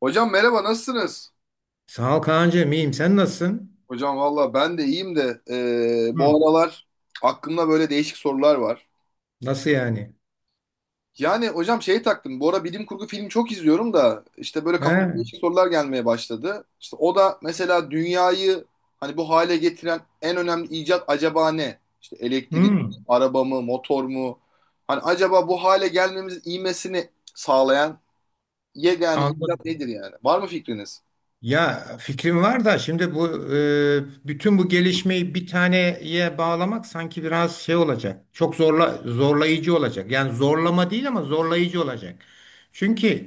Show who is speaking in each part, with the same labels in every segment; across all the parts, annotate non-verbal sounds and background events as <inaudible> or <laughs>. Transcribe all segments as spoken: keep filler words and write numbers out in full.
Speaker 1: Hocam, merhaba, nasılsınız?
Speaker 2: Sağ ol Kaan'cığım, iyiyim. Sen nasılsın?
Speaker 1: Hocam, valla ben de iyiyim de, e, bu
Speaker 2: Hı.
Speaker 1: aralar aklımda böyle değişik sorular var.
Speaker 2: Nasıl yani?
Speaker 1: Yani hocam, şey taktım, bu ara bilim kurgu filmi çok izliyorum da işte böyle kafama
Speaker 2: He?
Speaker 1: değişik sorular gelmeye başladı. İşte o da mesela dünyayı hani bu hale getiren en önemli icat acaba ne? İşte elektrik,
Speaker 2: Hı.
Speaker 1: araba mı, motor mu? Hani acaba bu hale gelmemiz ivmesini sağlayan yegane icat
Speaker 2: Anladım.
Speaker 1: nedir yani? Var mı fikriniz?
Speaker 2: Ya, fikrim var da şimdi bu e, bütün bu gelişmeyi bir taneye bağlamak sanki biraz şey olacak. Çok zorla zorlayıcı olacak. Yani zorlama değil ama zorlayıcı olacak. Çünkü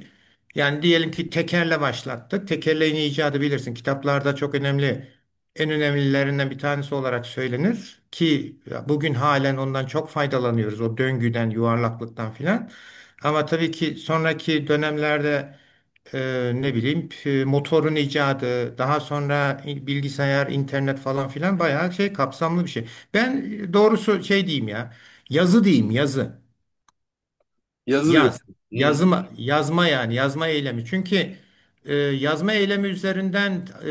Speaker 2: yani diyelim ki tekerle başlattık. Tekerleğin icadı bilirsin. Kitaplarda çok önemli, en önemlilerinden bir tanesi olarak söylenir ki bugün halen ondan çok faydalanıyoruz. O döngüden, yuvarlaklıktan filan. Ama tabii ki sonraki dönemlerde e, ne bileyim, p- motorun icadı, daha sonra bilgisayar, internet falan filan, bayağı şey, kapsamlı bir şey. Ben e, doğrusu şey diyeyim ya. Yazı diyeyim, yazı.
Speaker 1: Yazılıyor.
Speaker 2: Yaz. Yazma, yazma, yani yazma eylemi. Çünkü e, yazma eylemi üzerinden e,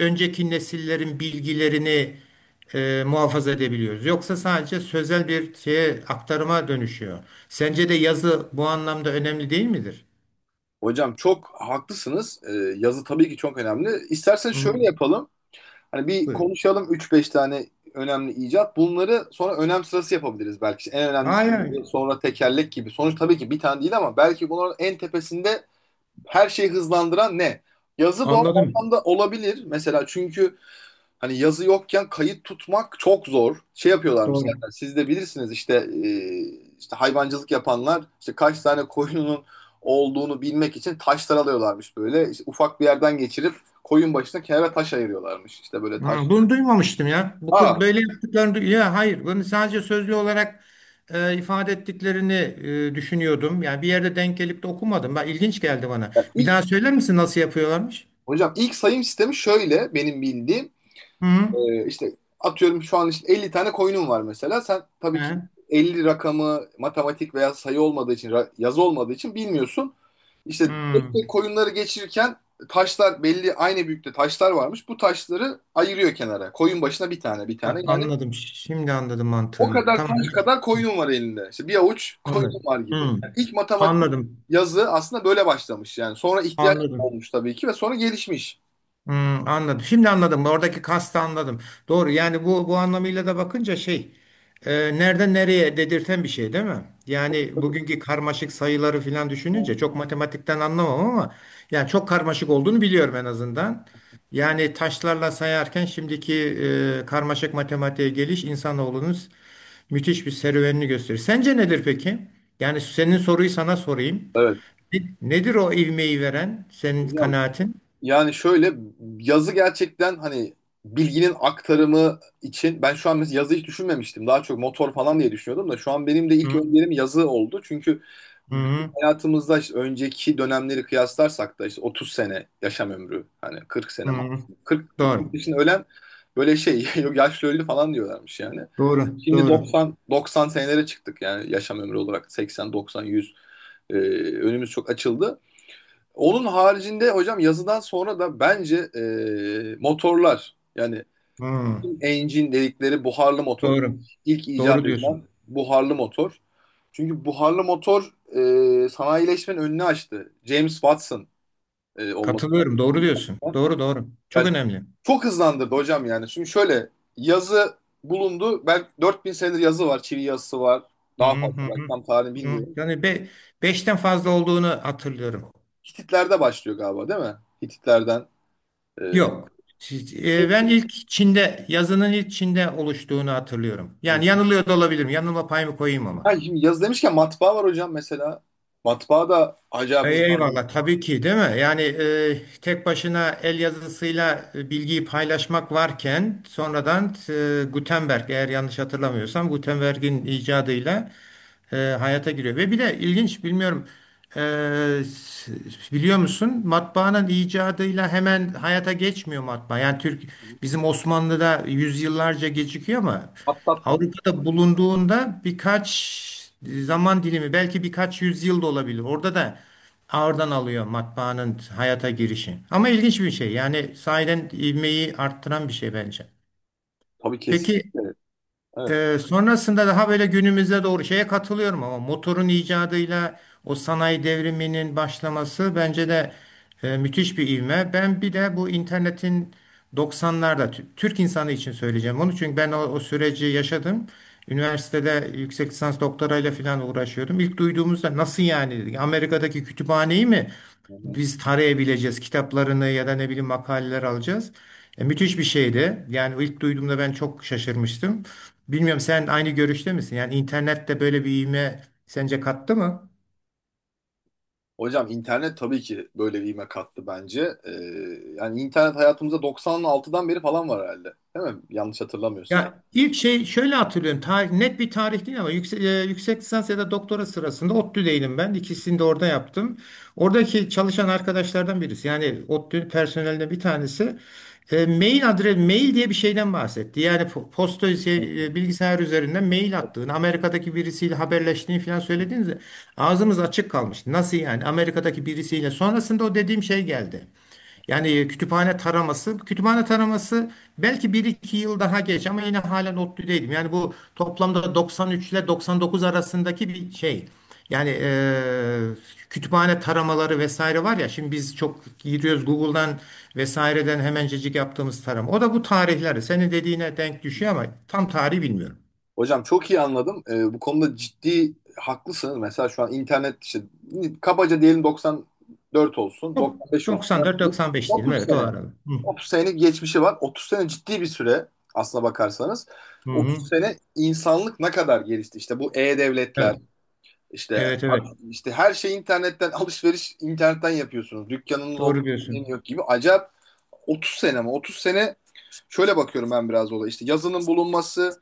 Speaker 2: önceki nesillerin bilgilerini e, muhafaza edebiliyoruz. Yoksa sadece sözel bir şeye, aktarıma dönüşüyor. Sence de yazı bu anlamda önemli değil midir?
Speaker 1: Hocam, çok haklısınız. Ee, yazı tabii ki çok önemli. İstersen
Speaker 2: Hı hı.
Speaker 1: şöyle yapalım. Hani bir
Speaker 2: Evet.
Speaker 1: konuşalım üç beş tane önemli icat. Bunları sonra önem sırası yapabiliriz belki. İşte en önemlisi,
Speaker 2: Hayır.
Speaker 1: sonra tekerlek gibi. Sonuç tabii ki bir tane değil ama belki bunların en tepesinde her şeyi hızlandıran ne? Yazı bu
Speaker 2: Anladım.
Speaker 1: anlamda olabilir. Mesela, çünkü hani yazı yokken kayıt tutmak çok zor. Şey yapıyorlarmış
Speaker 2: Doğru.
Speaker 1: zaten. Siz de bilirsiniz işte, e, işte hayvancılık yapanlar işte kaç tane koyunun olduğunu bilmek için taşlar alıyorlarmış böyle. İşte ufak bir yerden geçirip koyun başına kenara taş ayırıyorlarmış. İşte böyle taş.
Speaker 2: Ha, bunu duymamıştım ya. Bu kız
Speaker 1: Aa,
Speaker 2: böyle yaptıklarını du- ya hayır, bunu sadece sözlü olarak e, ifade ettiklerini e, düşünüyordum. Yani bir yerde denk gelip de okumadım. Bak, ilginç geldi bana.
Speaker 1: yani
Speaker 2: Bir
Speaker 1: ilk,
Speaker 2: daha söyler misin, nasıl yapıyorlarmış?
Speaker 1: hocam, ilk sayım sistemi şöyle, benim bildiğim.
Speaker 2: Hı hı.
Speaker 1: Ee, işte atıyorum, şu an işte elli tane coin'um var mesela. Sen tabii ki
Speaker 2: He.
Speaker 1: elli rakamı, matematik veya sayı olmadığı için, ra- yazı olmadığı için bilmiyorsun. İşte
Speaker 2: Hı.
Speaker 1: tek tek coin'ları geçirirken, taşlar belli, aynı büyüklükte taşlar varmış. Bu taşları ayırıyor kenara, koyun başına bir tane bir tane.
Speaker 2: Ha,
Speaker 1: Yani
Speaker 2: anladım. Şimdi anladım
Speaker 1: o
Speaker 2: mantığını.
Speaker 1: kadar
Speaker 2: Tamam.
Speaker 1: taş kadar coin'um var elinde. İşte bir avuç <laughs> coin'um
Speaker 2: Anladım.
Speaker 1: var gibi.
Speaker 2: Hı.
Speaker 1: Yani ilk matematik,
Speaker 2: Anladım.
Speaker 1: yazı aslında böyle başlamış. Yani sonra ihtiyaç
Speaker 2: Anladım.
Speaker 1: olmuş tabii ki ve sonra gelişmiş.
Speaker 2: Hmm, anladım. Şimdi anladım. Oradaki kastı anladım. Doğru. Yani bu bu anlamıyla da bakınca şey, e, nereden nereye dedirten bir şey değil mi? Yani
Speaker 1: Tabii.
Speaker 2: bugünkü karmaşık sayıları falan düşününce, çok matematikten anlamam ama yani çok karmaşık olduğunu biliyorum en azından. Yani taşlarla sayarken şimdiki e, karmaşık matematiğe geliş insanoğlunun müthiş bir serüvenini gösterir. Sence nedir peki? Yani senin soruyu sana sorayım.
Speaker 1: Evet.
Speaker 2: Ne- Nedir o ivmeyi veren senin
Speaker 1: Hocam,
Speaker 2: kanaatin?
Speaker 1: yani şöyle, yazı gerçekten hani bilginin aktarımı için, ben şu an mesela yazı hiç düşünmemiştim. Daha çok motor falan diye düşünüyordum da şu an benim de ilk
Speaker 2: Hı
Speaker 1: önerim yazı oldu. Çünkü bizim
Speaker 2: hı.
Speaker 1: hayatımızda işte önceki dönemleri kıyaslarsak da, işte otuz sene yaşam ömrü, hani kırk sene
Speaker 2: Hı.
Speaker 1: maksimum. kırk kırk
Speaker 2: Doğru.
Speaker 1: yaşında ölen, böyle şey <laughs> yok, yaşlı öldü falan diyorlarmış yani.
Speaker 2: Doğru.
Speaker 1: Şimdi
Speaker 2: Doğru.
Speaker 1: doksan doksan senelere çıktık, yani yaşam ömrü olarak seksen doksan yüz. Ee, önümüz çok açıldı. Onun haricinde hocam, yazıdan sonra da bence e, motorlar, yani
Speaker 2: Hı.
Speaker 1: engine dedikleri, buharlı motor.
Speaker 2: Doğru.
Speaker 1: İlk
Speaker 2: Doğru
Speaker 1: icat
Speaker 2: diyorsun.
Speaker 1: edilen buharlı motor. Çünkü buharlı motor e, sanayileşmenin önünü açtı. James Watson e, olması
Speaker 2: Katılıyorum. Doğru diyorsun.
Speaker 1: lazım.
Speaker 2: Doğru, doğru. Çok
Speaker 1: Yani
Speaker 2: önemli.
Speaker 1: çok hızlandırdı hocam yani. Şimdi şöyle, yazı bulundu. Belki dört bin senedir yazı var. Çivi yazısı var.
Speaker 2: Hı
Speaker 1: Daha fazla,
Speaker 2: hı
Speaker 1: belki
Speaker 2: hı.
Speaker 1: tam tarihini
Speaker 2: Hı.
Speaker 1: bilmiyorum.
Speaker 2: Yani be, beşten fazla olduğunu hatırlıyorum.
Speaker 1: Hititler'de başlıyor galiba, değil mi? Hititlerden. e,
Speaker 2: Yok. Siz- e, Ben ilk Çin'de yazının ilk Çin'de oluştuğunu hatırlıyorum. Yani yanılıyor da olabilirim. Yanılma payımı koyayım ama.
Speaker 1: Ha, şimdi yazı demişken, matbaa var hocam mesela. Matbaa da acayip
Speaker 2: Ey-
Speaker 1: hızlandırdı.
Speaker 2: Eyvallah, tabii ki değil mi? Yani e, tek başına el yazısıyla e, bilgiyi paylaşmak varken, sonradan e, Gutenberg, eğer yanlış hatırlamıyorsam Gutenberg'in icadıyla e, hayata giriyor. Ve bir de ilginç, bilmiyorum, e, s- biliyor musun, matbaanın icadıyla hemen hayata geçmiyor matbaa. Yani Türk bizim Osmanlı'da yüzyıllarca gecikiyor ama
Speaker 1: Atlat var.
Speaker 2: Avrupa'da bulunduğunda birkaç zaman dilimi, belki birkaç yüzyıl da olabilir. Orada da Oradan alıyor matbaanın hayata girişi. Ama ilginç bir şey. Yani sahiden ivmeyi arttıran bir şey bence.
Speaker 1: Tabii,
Speaker 2: Peki,
Speaker 1: kesinlikle. Evet.
Speaker 2: e, sonrasında daha böyle günümüze doğru şeye katılıyorum ama motorun icadıyla o sanayi devriminin başlaması bence de e, müthiş bir ivme. Ben bir de bu internetin doksanlarda tü- Türk insanı için söyleyeceğim onu. Çünkü ben o, o süreci yaşadım. Üniversitede yüksek lisans doktorayla falan uğraşıyordum. İlk duyduğumuzda nasıl yani dedik. Amerika'daki kütüphaneyi mi?
Speaker 1: Hı hı.
Speaker 2: Biz tarayabileceğiz kitaplarını ya da ne bileyim makaleler alacağız. E, müthiş bir şeydi. Yani ilk duyduğumda ben çok şaşırmıştım. Bilmiyorum, sen aynı görüşte misin? Yani internette böyle bir ivme sence kattı mı?
Speaker 1: Hocam, internet tabii ki böyle bir ivme kattı bence. Ee, yani internet hayatımızda doksan altıdan beri falan var herhalde. Değil mi? Yanlış hatırlamıyorsam.
Speaker 2: Ya ilk şey şöyle hatırlıyorum. Tarih, net bir tarih değil ama yüksek, e, yüksek lisans ya da doktora sırasında ODTÜ'deydim ben. İkisini de orada yaptım. Oradaki çalışan arkadaşlardan birisi, yani ODTÜ personelinden bir tanesi e, mail adres mail diye bir şeyden bahsetti. Yani po- posta
Speaker 1: Hı
Speaker 2: şey,
Speaker 1: hı.
Speaker 2: e, bilgisayar üzerinden mail attığını, Amerika'daki birisiyle haberleştiğini falan söylediğinizde, ağzımız açık kalmıştı. Nasıl yani? Amerika'daki birisiyle. Sonrasında o dediğim şey geldi. Yani e, kütüphane taraması, kütüphane taraması belki bir iki yıl daha geç ama yine halen ODTÜ'deydim. Yani bu toplamda doksan üç ile doksan dokuz arasındaki bir şey. Yani eee, kütüphane taramaları vesaire var ya, şimdi biz çok giriyoruz Google'dan vesaireden hemencecik yaptığımız tarama. O da bu tarihleri senin dediğine denk düşüyor ama tam tarihi bilmiyorum.
Speaker 1: Hocam, çok iyi anladım. Ee, bu konuda ciddi haklısınız. Mesela şu an internet işte kabaca diyelim doksan dört olsun,
Speaker 2: Yok,
Speaker 1: doksan beş olsun. Yani
Speaker 2: doksan dört doksan beş diyelim,
Speaker 1: otuz
Speaker 2: evet, o
Speaker 1: sene.
Speaker 2: arada. Hı,
Speaker 1: otuz senelik geçmişi var. otuz sene ciddi bir süre aslına bakarsanız.
Speaker 2: hı,
Speaker 1: otuz
Speaker 2: hı.
Speaker 1: sene insanlık ne kadar gelişti? İşte bu e-devletler,
Speaker 2: Evet,
Speaker 1: işte
Speaker 2: evet, evet,
Speaker 1: işte her şey internetten, alışveriş internetten yapıyorsunuz. Dükkanınız
Speaker 2: doğru
Speaker 1: olmuyor,
Speaker 2: diyorsun.
Speaker 1: yok gibi. Acayip. otuz sene mi? otuz sene. Şöyle bakıyorum ben biraz olaya. İşte yazının bulunması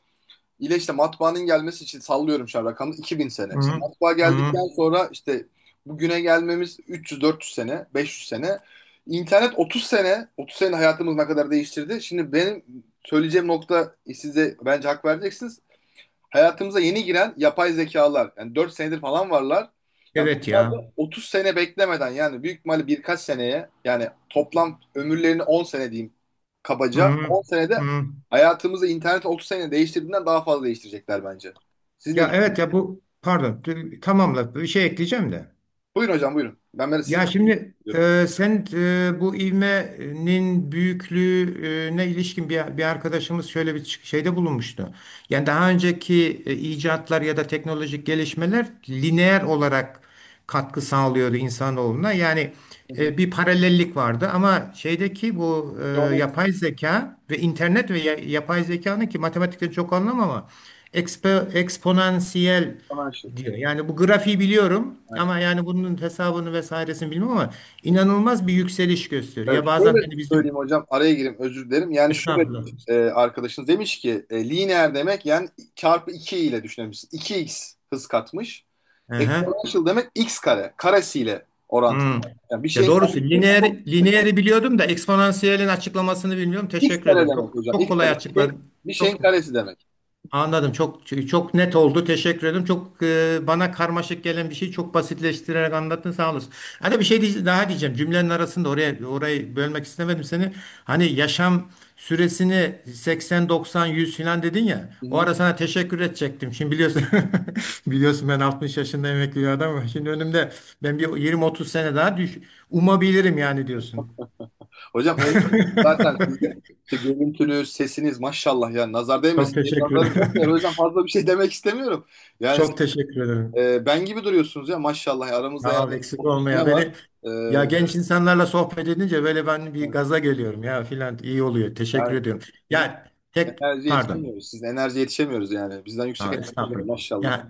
Speaker 1: ile işte matbaanın gelmesi için, sallıyorum şu an rakamı, iki bin sene.
Speaker 2: Hı,
Speaker 1: İşte
Speaker 2: hı.
Speaker 1: matbaa
Speaker 2: Hı hı.
Speaker 1: geldikten sonra işte bugüne gelmemiz üç yüz dört yüz sene, beş yüz sene. İnternet otuz sene, otuz sene hayatımız ne kadar değiştirdi. Şimdi benim söyleyeceğim nokta, size bence hak vereceksiniz. Hayatımıza yeni giren yapay zekalar. Yani dört senedir falan varlar. Ya
Speaker 2: Evet
Speaker 1: bunlar
Speaker 2: ya.
Speaker 1: da otuz sene beklemeden, yani büyük ihtimalle birkaç seneye, yani toplam ömürlerini on sene diyeyim kabaca.
Speaker 2: Hmm,
Speaker 1: on senede
Speaker 2: hmm.
Speaker 1: hayatımızı, internet otuz sene değiştirdiğinden daha fazla değiştirecekler bence. Siz ne
Speaker 2: Ya evet
Speaker 1: düşünüyorsunuz?
Speaker 2: ya, bu, pardon, t- tamamla, bir şey ekleyeceğim de.
Speaker 1: Buyurun hocam, buyurun. Ben böyle sizi
Speaker 2: Ya şimdi,
Speaker 1: dinliyorum.
Speaker 2: e, sen, e, bu ivmenin büyüklüğüne ilişkin bir, bir arkadaşımız şöyle bir çık- şeyde bulunmuştu. Yani daha önceki e, icatlar ya da teknolojik gelişmeler lineer olarak katkı sağlıyordu insanoğluna. Yani
Speaker 1: Hı hı.
Speaker 2: e, bir paralellik vardı ama şeydeki bu e,
Speaker 1: Geometrik
Speaker 2: yapay zeka ve internet ve ya- yapay zekanın, ki matematikte çok anlamam ama ekspo, eksponansiyel
Speaker 1: şey.
Speaker 2: diyor. Yani bu grafiği biliyorum
Speaker 1: Aynen.
Speaker 2: ama yani bunun hesabını vesairesini bilmem ama inanılmaz bir yükseliş gösteriyor.
Speaker 1: Evet,
Speaker 2: Ya bazen
Speaker 1: şöyle
Speaker 2: hani bizim
Speaker 1: söyleyeyim hocam, araya gireyim, özür dilerim. Yani şöyle,
Speaker 2: estağfurullah.
Speaker 1: e, arkadaşınız demiş ki, e, lineer demek, yani çarpı iki ile düşünebilirsin. iki x hız katmış.
Speaker 2: Aha.
Speaker 1: Exponential demek x kare. Karesiyle orantılı.
Speaker 2: Hmm.
Speaker 1: Yani bir
Speaker 2: Ya
Speaker 1: şeyin
Speaker 2: doğrusu
Speaker 1: karesi
Speaker 2: lineer,
Speaker 1: çok yüksek olur.
Speaker 2: lineeri biliyordum da eksponansiyelin açıklamasını bilmiyorum.
Speaker 1: X
Speaker 2: Teşekkür
Speaker 1: kare
Speaker 2: ederim.
Speaker 1: demek
Speaker 2: Çok
Speaker 1: hocam.
Speaker 2: çok
Speaker 1: X
Speaker 2: kolay
Speaker 1: kare. Bir şeyin,
Speaker 2: açıkladın.
Speaker 1: bir şeyin
Speaker 2: Çok
Speaker 1: karesi demek.
Speaker 2: anladım. Çok çok net oldu. Teşekkür ederim. Çok, e, bana karmaşık gelen bir şeyi çok basitleştirerek anlattın. Sağ olasın. Hani bir şey diye- daha diyeceğim. Cümlenin arasında oraya orayı bölmek istemedim seni. Hani yaşam süresini seksen doksan yüz falan dedin ya.
Speaker 1: Hı
Speaker 2: O
Speaker 1: hı.
Speaker 2: ara sana teşekkür edecektim. Şimdi biliyorsun <laughs> biliyorsun ben altmış yaşında emekli bir adamım. Şimdi önümde ben bir yirmi otuz sene daha düş umabilirim yani diyorsun.
Speaker 1: Hocam, um,
Speaker 2: <laughs>
Speaker 1: zaten sizin işte görüntünüz, sesiniz maşallah, yani nazar
Speaker 2: Çok
Speaker 1: değmesin diye,
Speaker 2: teşekkür.
Speaker 1: nazarım çok değer. O yüzden fazla bir şey <laughs> demek istemiyorum.
Speaker 2: <laughs>
Speaker 1: Yani,
Speaker 2: Çok teşekkür ederim.
Speaker 1: Ee, ben gibi duruyorsunuz ya maşallah ya. Aramızda
Speaker 2: Ya
Speaker 1: yani
Speaker 2: eksik
Speaker 1: otuz
Speaker 2: olma
Speaker 1: sene
Speaker 2: ya. Beni
Speaker 1: var.
Speaker 2: ya
Speaker 1: Ee,
Speaker 2: genç insanlarla sohbet edince böyle ben bir gaza geliyorum ya filan, iyi oluyor. Teşekkür
Speaker 1: yani
Speaker 2: ediyorum.
Speaker 1: bizim
Speaker 2: Yani tek
Speaker 1: enerji
Speaker 2: pardon.
Speaker 1: yetişemiyoruz. Sizin enerji yetişemiyoruz yani. Bizden yüksek
Speaker 2: Ha,
Speaker 1: enerji var
Speaker 2: estağfurullah.
Speaker 1: maşallah.
Speaker 2: Yani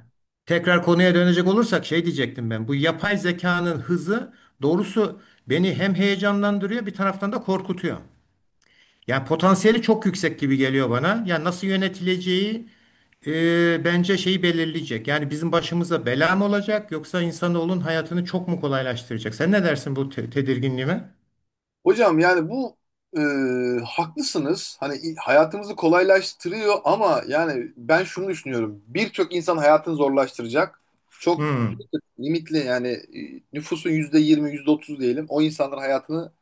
Speaker 2: tekrar konuya dönecek olursak şey diyecektim ben. Bu yapay zekanın hızı doğrusu beni hem heyecanlandırıyor, bir taraftan da korkutuyor. Yani potansiyeli çok yüksek gibi geliyor bana. Yani nasıl yönetileceği e, bence şeyi belirleyecek. Yani bizim başımıza bela mı olacak, yoksa insanoğlunun hayatını çok mu kolaylaştıracak? Sen ne dersin bu te- tedirginliğime?
Speaker 1: Hocam, yani bu e, haklısınız. Hani i- hayatımızı kolaylaştırıyor ama yani ben şunu düşünüyorum. Birçok insan hayatını zorlaştıracak. Çok
Speaker 2: Hmm,
Speaker 1: limitli, yani e, nüfusun yüzde yirmi, yüzde otuz diyelim. O insanların hayatını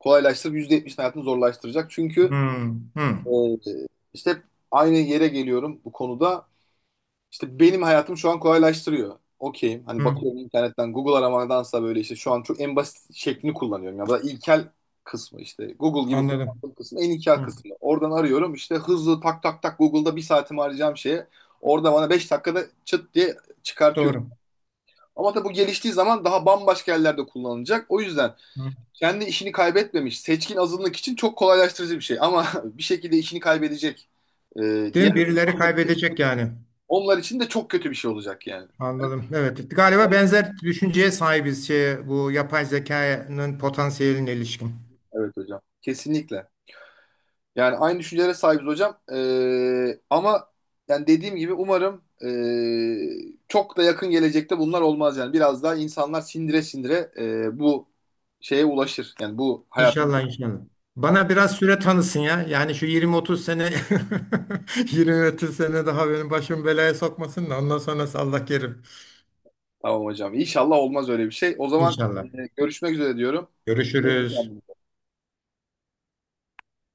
Speaker 1: kolaylaştırıp yüzde yetmişin hayatını zorlaştıracak. Çünkü
Speaker 2: hmm, hmm,
Speaker 1: Ee, işte hep aynı yere geliyorum bu konuda. İşte benim hayatım şu an kolaylaştırıyor. Okeyim. Hani
Speaker 2: hmm.
Speaker 1: bakıyorum, internetten Google aramadansa, böyle işte şu an çok en basit şeklini kullanıyorum. Ya da ilkel kısmı işte. Google gibi
Speaker 2: Anladım.
Speaker 1: kullandığım kısım, en ilkel
Speaker 2: Hmm,
Speaker 1: kısmı. Oradan arıyorum işte, hızlı tak tak tak, Google'da bir saatimi harcayacağım şeye. Orada bana beş dakikada çıt diye çıkartıyor.
Speaker 2: doğru.
Speaker 1: Ama tabii bu geliştiği zaman daha bambaşka yerlerde kullanılacak. O yüzden
Speaker 2: Hmm.
Speaker 1: kendi işini kaybetmemiş seçkin azınlık için çok kolaylaştırıcı bir şey. Ama <laughs> bir şekilde işini kaybedecek e,
Speaker 2: Değil
Speaker 1: diğer
Speaker 2: mi? Birileri
Speaker 1: insanlar için,
Speaker 2: kaybedecek yani.
Speaker 1: onlar için de çok kötü bir şey olacak yani.
Speaker 2: Anladım. Evet. Galiba benzer düşünceye sahibiz şey, bu yapay zekanın potansiyeline ilişkin.
Speaker 1: Evet hocam. Kesinlikle. Yani aynı düşüncelere sahibiz hocam. E, ama yani dediğim gibi umarım e, çok da yakın gelecekte bunlar olmaz yani. Biraz daha insanlar sindire sindire e, bu şeye ulaşır. Yani bu hayat.
Speaker 2: İnşallah, inşallah.
Speaker 1: Tamam,
Speaker 2: Bana biraz süre tanısın ya. Yani şu yirmi otuz sene <laughs> yirmi otuz sene daha benim başımı belaya sokmasın da ondan sonrası Allah kerim.
Speaker 1: tamam hocam. İnşallah olmaz öyle bir şey. O zaman
Speaker 2: İnşallah.
Speaker 1: e, görüşmek üzere diyorum.
Speaker 2: Görüşürüz.
Speaker 1: Hoşçakalın.